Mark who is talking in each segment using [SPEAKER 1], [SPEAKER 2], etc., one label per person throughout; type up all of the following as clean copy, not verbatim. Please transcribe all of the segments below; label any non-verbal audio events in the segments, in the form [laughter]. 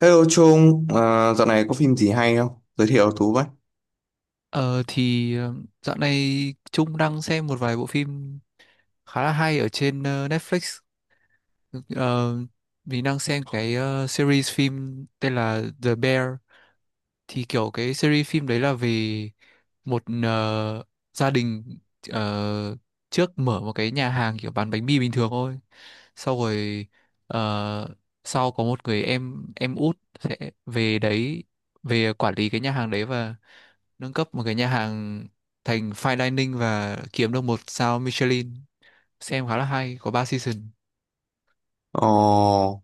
[SPEAKER 1] Hello Trung, dạo này có phim gì hay không? Giới thiệu Tú với.
[SPEAKER 2] Ờ thì ờ, dạo này Trung đang xem một vài bộ phim khá là hay ở trên Netflix. Ờ, mình đang xem cái series phim tên là The Bear. Thì kiểu cái series phim đấy là về một gia đình ờ, trước mở một cái nhà hàng kiểu bán bánh mì bình thường thôi. Sau rồi ờ, sau có một người em út sẽ về đấy về quản lý cái nhà hàng đấy và nâng cấp một cái nhà hàng thành fine dining và kiếm được một sao Michelin, xem khá là hay, có 3 season.
[SPEAKER 1] Ồ,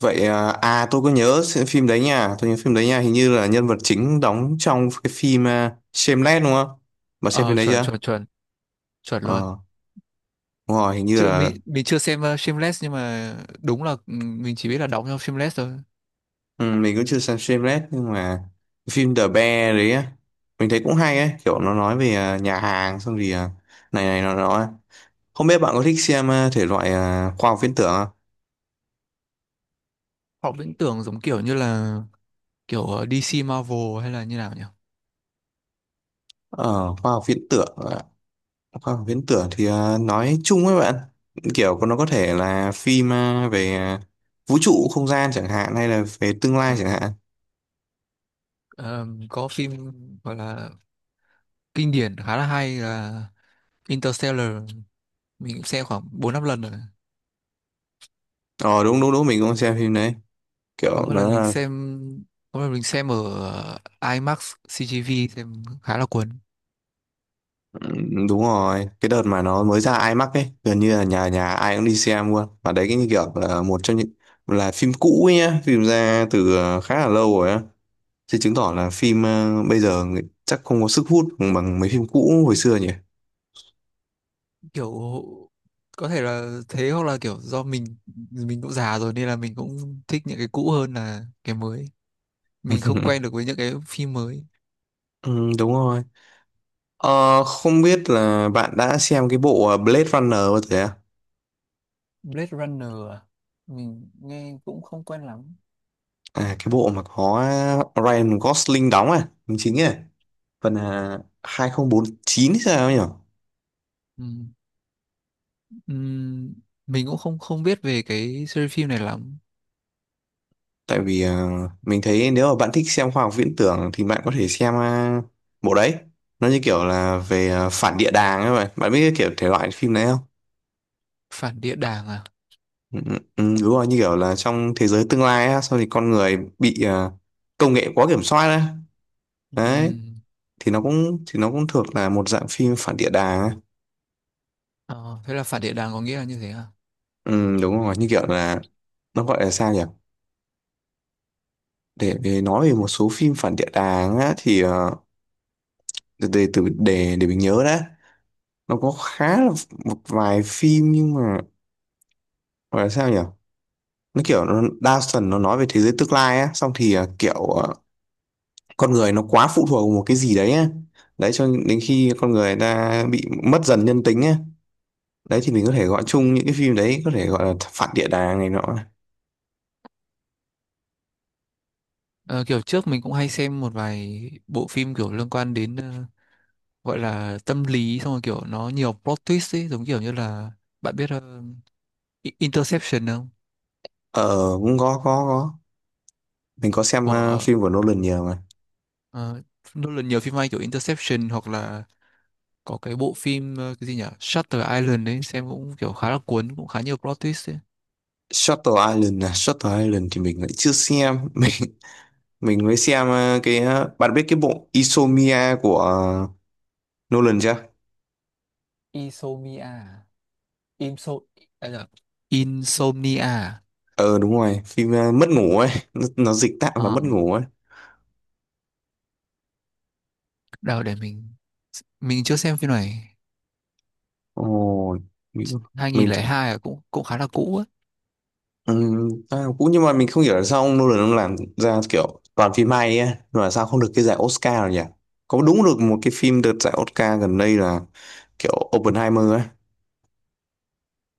[SPEAKER 1] vậy à, à tôi có nhớ xem phim đấy nha, tôi nhớ phim đấy nha, hình như là nhân vật chính đóng trong cái phim Shameless đúng không? Bà xem phim
[SPEAKER 2] Ờ,
[SPEAKER 1] đấy
[SPEAKER 2] chuẩn
[SPEAKER 1] chưa?
[SPEAKER 2] chuẩn chuẩn, chuẩn luôn.
[SPEAKER 1] Ờ, đúng rồi, hình như
[SPEAKER 2] Chứ
[SPEAKER 1] là
[SPEAKER 2] mình chưa xem Shameless nhưng mà đúng là, ừ, mình chỉ biết là đóng trong Shameless thôi.
[SPEAKER 1] ừ, mình cũng chưa xem Shameless nhưng mà cái phim The Bear đấy á, mình thấy cũng hay ấy, kiểu nó nói về nhà hàng xong thì này này nó. Không biết bạn có thích xem thể loại khoa học viễn tưởng không?
[SPEAKER 2] Họ viễn tưởng giống kiểu như là kiểu DC Marvel hay là như nào nhỉ?
[SPEAKER 1] Ờ, khoa học viễn tưởng à, khoa học viễn tưởng thì nói chung ấy bạn kiểu nó có thể là phim về vũ trụ không gian chẳng hạn hay là về tương lai
[SPEAKER 2] Ờ,
[SPEAKER 1] chẳng hạn.
[SPEAKER 2] có phim gọi là kinh điển khá là hay là Interstellar, mình cũng xem khoảng bốn năm lần rồi.
[SPEAKER 1] Ờ đúng đúng đúng, mình cũng xem phim đấy,
[SPEAKER 2] Có
[SPEAKER 1] kiểu
[SPEAKER 2] một
[SPEAKER 1] nó
[SPEAKER 2] lần mình
[SPEAKER 1] là
[SPEAKER 2] xem, có một lần mình xem ở ờ, IMAX CGV xem khá là cuốn.
[SPEAKER 1] đúng rồi. Cái đợt mà nó mới ra IMAX ấy gần như là nhà nhà ai cũng đi xem luôn, và đấy cái như kiểu là một trong những là phim cũ ấy nhá, phim ra từ khá là lâu rồi á, thì chứng tỏ là phim bây giờ người- chắc không có sức hút bằng mấy phim cũ hồi xưa nhỉ.
[SPEAKER 2] Kiểu có thể là thế, hoặc là kiểu do mình cũng già rồi nên là mình cũng thích những cái cũ hơn là cái mới, mình không quen được
[SPEAKER 1] [laughs]
[SPEAKER 2] với những cái phim mới.
[SPEAKER 1] Ừ, đúng rồi. Ờ, không biết là bạn đã xem cái bộ Blade Runner bao giờ à?
[SPEAKER 2] Blade Runner à? Mình nghe cũng không quen lắm.
[SPEAKER 1] À, cái bộ mà có Ryan Gosling đóng à, đóng chính à, phần à, 2049 hay sao ấy nhỉ?
[SPEAKER 2] Ừm, ừm, mình cũng không không biết về cái series phim này lắm.
[SPEAKER 1] Tại vì mình thấy nếu mà bạn thích xem khoa học viễn tưởng thì bạn có thể xem bộ đấy. Nó như kiểu là về phản địa đàng ấy vậy. Bạn biết cái kiểu thể loại phim đấy không?
[SPEAKER 2] Phản địa đàng à?
[SPEAKER 1] Ừ, ừ, ừ, đúng rồi, như kiểu là trong thế giới tương lai á, sau thì con người bị công nghệ quá kiểm soát á. Đấy,
[SPEAKER 2] Ừm,
[SPEAKER 1] thì nó cũng thuộc là một dạng phim phản địa đàng ấy.
[SPEAKER 2] ờ, thế là phản địa đàng có nghĩa là như thế à?
[SPEAKER 1] Ừ, đúng rồi, như kiểu là nó gọi là sao nhỉ, để nói về một số phim phản địa đàng á thì để- từ để mình nhớ đã. Nó có khá là một vài phim, nhưng mà gọi là sao nhỉ, nó kiểu nó đa phần nó nói về thế giới tương lai á, xong thì kiểu con người nó quá phụ thuộc vào một cái gì đấy á, đấy cho đến khi con người ta bị mất dần nhân tính á, đấy thì mình có thể gọi chung những cái phim đấy có thể gọi là phản địa đàng này nọ.
[SPEAKER 2] Ờ, kiểu trước mình cũng hay xem một vài bộ phim kiểu liên quan đến gọi là tâm lý, xong rồi kiểu nó nhiều plot twist ấy, giống kiểu như là bạn biết Interception không?
[SPEAKER 1] Ờ, cũng có có. Mình có xem
[SPEAKER 2] Của
[SPEAKER 1] phim của Nolan nhiều mà.
[SPEAKER 2] ờ, Nolan nhiều phim hay kiểu Interception, hoặc là có cái bộ phim ờ, cái gì nhỉ Shutter Island ấy, xem cũng kiểu khá là cuốn, cũng khá nhiều plot twist ấy.
[SPEAKER 1] Shutter Island à? Shutter Island thì mình lại chưa xem. [laughs] Mình mới xem bạn biết cái bộ Insomnia của Nolan chưa?
[SPEAKER 2] Isomia à? Imso, à, dạ. Insomnia.
[SPEAKER 1] Ờ đúng rồi, phim mất ngủ ấy. Nó dịch tạm là
[SPEAKER 2] Ờ,
[SPEAKER 1] mất ngủ ấy.
[SPEAKER 2] đâu để mình chưa xem phim này.
[SPEAKER 1] Ồ. Mình, mình th-
[SPEAKER 2] 2002 à, cũng cũng khá là cũ.
[SPEAKER 1] cũng nhưng mà mình không hiểu là sao ông Nolan ông làm ra kiểu toàn phim hay ấy. Mà sao không được cái giải Oscar rồi nhỉ? Có đúng được một cái phim đợt giải Oscar gần đây là kiểu Oppenheimer ấy.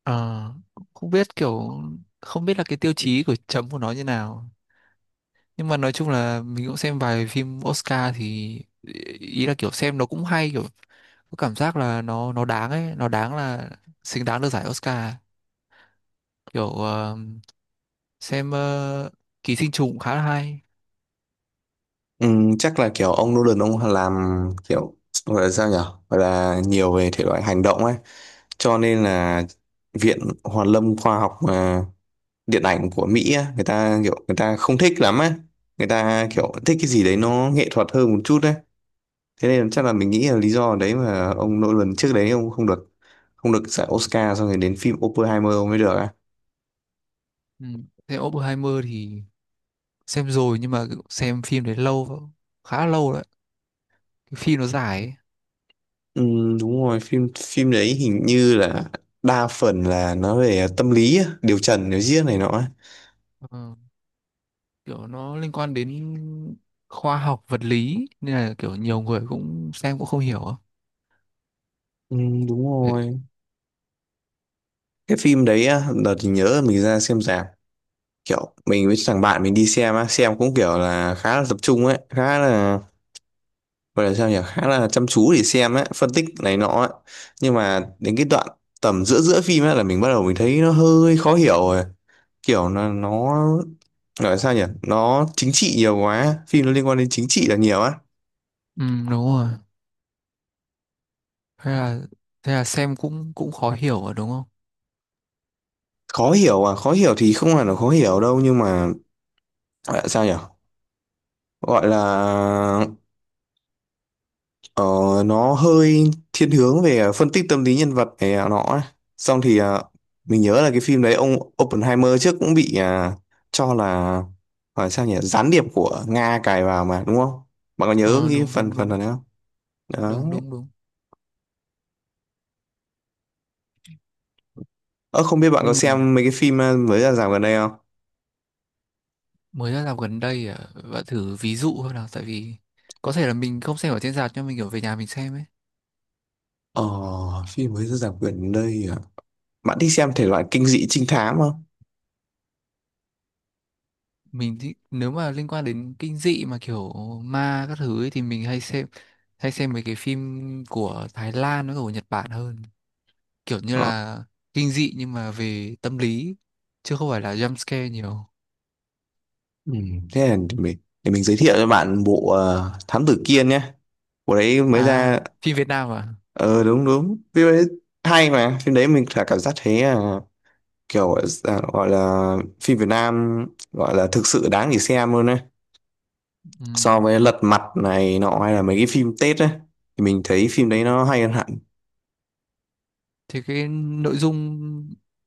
[SPEAKER 2] Ờ, không biết kiểu, không biết là cái tiêu chí của chấm của nó như nào, nhưng mà nói chung là mình cũng xem vài phim Oscar thì ý là kiểu xem nó cũng hay, kiểu có cảm giác là nó đáng ấy, nó đáng là xứng đáng được giải Oscar. Kiểu xem Ký sinh trùng cũng khá là hay.
[SPEAKER 1] Ừ, chắc là kiểu ông Nolan ông làm kiểu gọi là sao nhở, gọi là nhiều về thể loại hành động ấy, cho nên là viện Hàn lâm khoa học điện ảnh của Mỹ á, người ta kiểu người ta không thích lắm ấy, người ta
[SPEAKER 2] Ừ.
[SPEAKER 1] kiểu thích cái gì đấy nó nghệ thuật hơn một chút đấy. Thế nên chắc là mình nghĩ là lý do đấy mà ông Nolan trước đấy ông không được, không được giải Oscar, xong rồi đến phim Oppenheimer ông mới được á.
[SPEAKER 2] Ừ. Xem Oppenheimer thì xem rồi, nhưng mà xem phim đấy lâu, khá lâu rồi đấy. Cái phim nó dài ấy.
[SPEAKER 1] Ừ, đúng rồi. Phim phim đấy hình như là đa phần là nó về tâm lý á, điều trần điều giết này nọ ấy.
[SPEAKER 2] Ờ. Kiểu nó liên quan đến khoa học vật lý nên là kiểu nhiều người cũng xem cũng không hiểu á.
[SPEAKER 1] Ừ, đúng
[SPEAKER 2] Thế-
[SPEAKER 1] rồi. Cái phim đấy á, đợt thì nhớ là mình ra xem rạp, kiểu mình với thằng bạn mình đi xem á, xem cũng kiểu là khá là tập trung ấy, khá là gọi là sao nhỉ, khá là chăm chú để xem ấy, phân tích này nọ ấy. Nhưng mà đến cái đoạn tầm giữa giữa phim ấy là mình bắt đầu mình thấy nó hơi khó hiểu rồi, kiểu nó gọi là sao nhỉ, nó chính trị nhiều quá, phim nó liên quan đến chính trị là nhiều á.
[SPEAKER 2] Ừ, đúng rồi. Thế là thế là xem cũng cũng khó hiểu rồi đúng không?
[SPEAKER 1] Khó hiểu à? Khó hiểu thì không hẳn là khó hiểu đâu, nhưng mà gọi là sao nhỉ, gọi là Ờ, nó hơi thiên hướng về phân tích tâm lý nhân vật này nó ấy. Xong thì mình nhớ là cái phim đấy ông Oppenheimer trước cũng bị cho là phải sao nhỉ gián điệp của Nga cài vào mà đúng không? Bạn có nhớ
[SPEAKER 2] Ờ
[SPEAKER 1] cái
[SPEAKER 2] đúng
[SPEAKER 1] phần
[SPEAKER 2] đúng
[SPEAKER 1] phần
[SPEAKER 2] đúng.
[SPEAKER 1] này không?
[SPEAKER 2] Đúng
[SPEAKER 1] Đấy.
[SPEAKER 2] đúng đúng.
[SPEAKER 1] Ờ, không biết bạn có
[SPEAKER 2] Nhưng mà
[SPEAKER 1] xem mấy cái phim mới ra rạp gần đây không?
[SPEAKER 2] mới ra rạp gần đây à, bạn thử ví dụ thôi nào, tại vì có thể là mình không xem ở trên rạp nhưng mình kiểu về nhà mình xem ấy.
[SPEAKER 1] Ờ, phim mới ra rạp gần đây à? Bạn thích xem thể loại kinh dị trinh thám không?
[SPEAKER 2] Mình thì nếu mà liên quan đến kinh dị mà kiểu ma các thứ ấy, thì mình hay xem, hay xem mấy cái phim của Thái Lan với cả của Nhật Bản hơn, kiểu như
[SPEAKER 1] Ờ.
[SPEAKER 2] là kinh dị nhưng mà về tâm lý chứ không phải là jump scare nhiều.
[SPEAKER 1] Ừ, thế là để mình giới thiệu cho bạn bộ Thám Tử Kiên nhé. Bộ đấy mới ra.
[SPEAKER 2] À, phim Việt Nam à?
[SPEAKER 1] Ờ đúng đúng, phim đấy hay mà, phim đấy mình cả cảm giác thấy kiểu gọi là phim Việt Nam, gọi là thực sự đáng để xem luôn đấy. So
[SPEAKER 2] Ừm,
[SPEAKER 1] với Lật Mặt này nọ hay là mấy cái phim Tết ấy, thì mình thấy phim đấy
[SPEAKER 2] ừm.
[SPEAKER 1] nó hay hơn hẳn.
[SPEAKER 2] Thì cái nội dung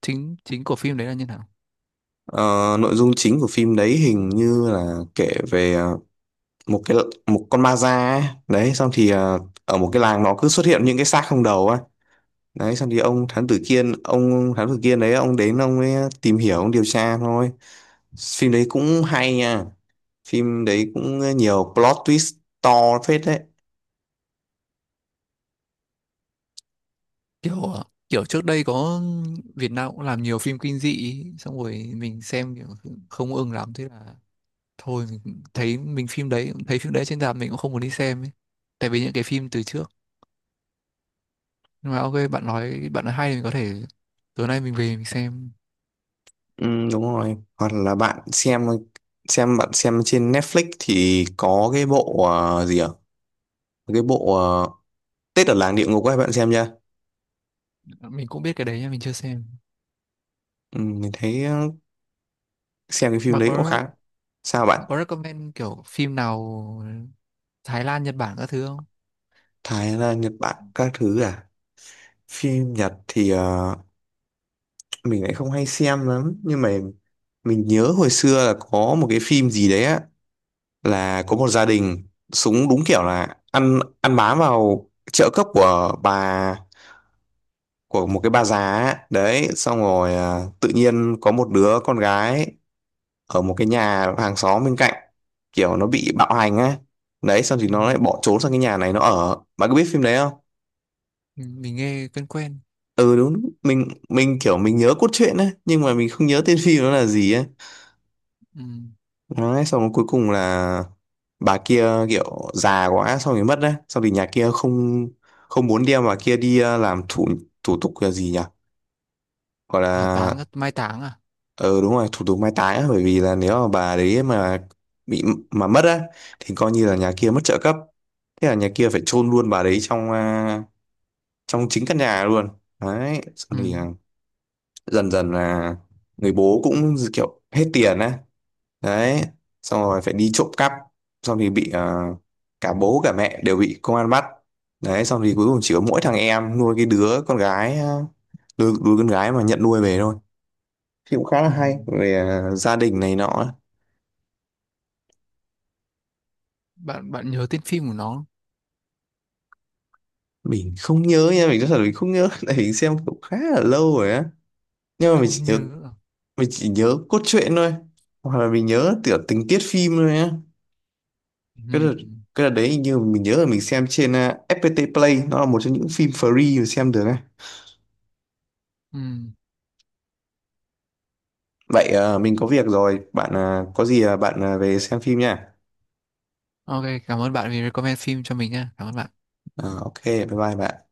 [SPEAKER 2] chính chính của phim đấy là như nào?
[SPEAKER 1] Ờ, nội dung chính của phim đấy hình như là kể về một cái một con ma da ấy. Đấy, xong thì ở một cái làng nó cứ xuất hiện những cái xác không đầu ấy. Đấy xong thì
[SPEAKER 2] Ừm.
[SPEAKER 1] ông thám tử Kiên đấy ông đến ông ấy tìm hiểu ông điều tra thôi. Phim đấy cũng hay nha, phim đấy cũng nhiều plot twist to phết đấy.
[SPEAKER 2] Kiểu à, kiểu trước đây có Việt Nam cũng làm nhiều phim kinh dị ý, xong rồi mình xem kiểu không ưng lắm, thế là thôi, mình thấy mình phim đấy, thấy phim đấy trên rạp mình cũng không muốn đi xem ấy, tại vì những cái phim từ trước. Nhưng mà ok, bạn nói, bạn nói hay thì mình có thể tối nay mình về mình xem.
[SPEAKER 1] Ừ, đúng rồi. Hoặc là bạn xem bạn xem trên Netflix thì có cái bộ ờ, gì ạ cái bộ ờ, Tết ở làng địa ngục ấy, bạn xem chưa.
[SPEAKER 2] Mình cũng biết cái đấy nhưng mình chưa xem.
[SPEAKER 1] Ừ, mình thấy xem cái phim
[SPEAKER 2] Bạn
[SPEAKER 1] đấy cũng
[SPEAKER 2] có,
[SPEAKER 1] khá. Sao
[SPEAKER 2] bạn
[SPEAKER 1] bạn?
[SPEAKER 2] có recommend kiểu phim nào Thái Lan Nhật Bản các thứ không?
[SPEAKER 1] Thái là Nhật Bản các thứ à? Phim Nhật thì mình lại không hay xem lắm, nhưng mà mình nhớ hồi xưa là có một cái phim gì đấy á, là có một gia đình súng đúng kiểu là ăn ăn bám vào trợ cấp của bà, của một cái bà già ấy. Đấy xong rồi tự nhiên có một đứa con gái ở một cái nhà hàng xóm bên cạnh kiểu nó bị bạo hành á. Đấy xong thì nó lại
[SPEAKER 2] Ừ,
[SPEAKER 1] bỏ trốn sang cái nhà này nó ở. Bạn có biết phim đấy không?
[SPEAKER 2] mình nghe quen quen.
[SPEAKER 1] Ừ đúng, mình kiểu mình nhớ cốt truyện ấy nhưng mà mình không nhớ tên phim nó là gì ấy.
[SPEAKER 2] Ừ,
[SPEAKER 1] Đấy, xong rồi cuối cùng là bà kia kiểu già quá xong rồi mất, đấy xong thì nhà kia không không muốn đem bà kia đi làm thủ thủ tục là gì nhỉ, gọi là
[SPEAKER 2] hỏa táng mai táng à?
[SPEAKER 1] ờ đúng rồi, thủ tục mai táng á. Bởi vì là nếu mà bà đấy mà bị mà mất á thì coi như là nhà kia mất trợ cấp, thế là nhà kia phải chôn luôn bà đấy trong trong chính căn nhà luôn. Đấy xong
[SPEAKER 2] Ừ,
[SPEAKER 1] thì dần dần là người bố cũng kiểu hết tiền á, đấy xong rồi phải đi trộm cắp, xong thì bị cả bố cả mẹ đều bị công an bắt. Đấy xong thì cuối cùng chỉ có mỗi thằng em nuôi cái đứa con gái, đứa con gái mà nhận nuôi về thôi. Thì cũng khá là
[SPEAKER 2] ừ.
[SPEAKER 1] hay về gia đình này nọ.
[SPEAKER 2] bạn bạn nhớ tên phim của nó không?
[SPEAKER 1] Mình không nhớ nha, mình nói thật là mình không nhớ. [laughs] Tại mình xem cũng khá là lâu rồi á, nhưng mà
[SPEAKER 2] Không nhớ à?
[SPEAKER 1] mình chỉ nhớ cốt truyện thôi, hoặc là mình nhớ tiểu tình tiết phim thôi á.
[SPEAKER 2] Ừ,
[SPEAKER 1] cái đợt
[SPEAKER 2] ừ.
[SPEAKER 1] cái đợt đấy hình như mình nhớ là mình xem trên FPT Play, nó là một trong những phim free mình xem được á.
[SPEAKER 2] Ừ.
[SPEAKER 1] Vậy mình có việc rồi, bạn có gì bạn về xem phim nha.
[SPEAKER 2] Ok, cảm ơn bạn vì recommend phim cho mình nha, cảm ơn bạn.
[SPEAKER 1] Ờ, ok, bye bye bạn.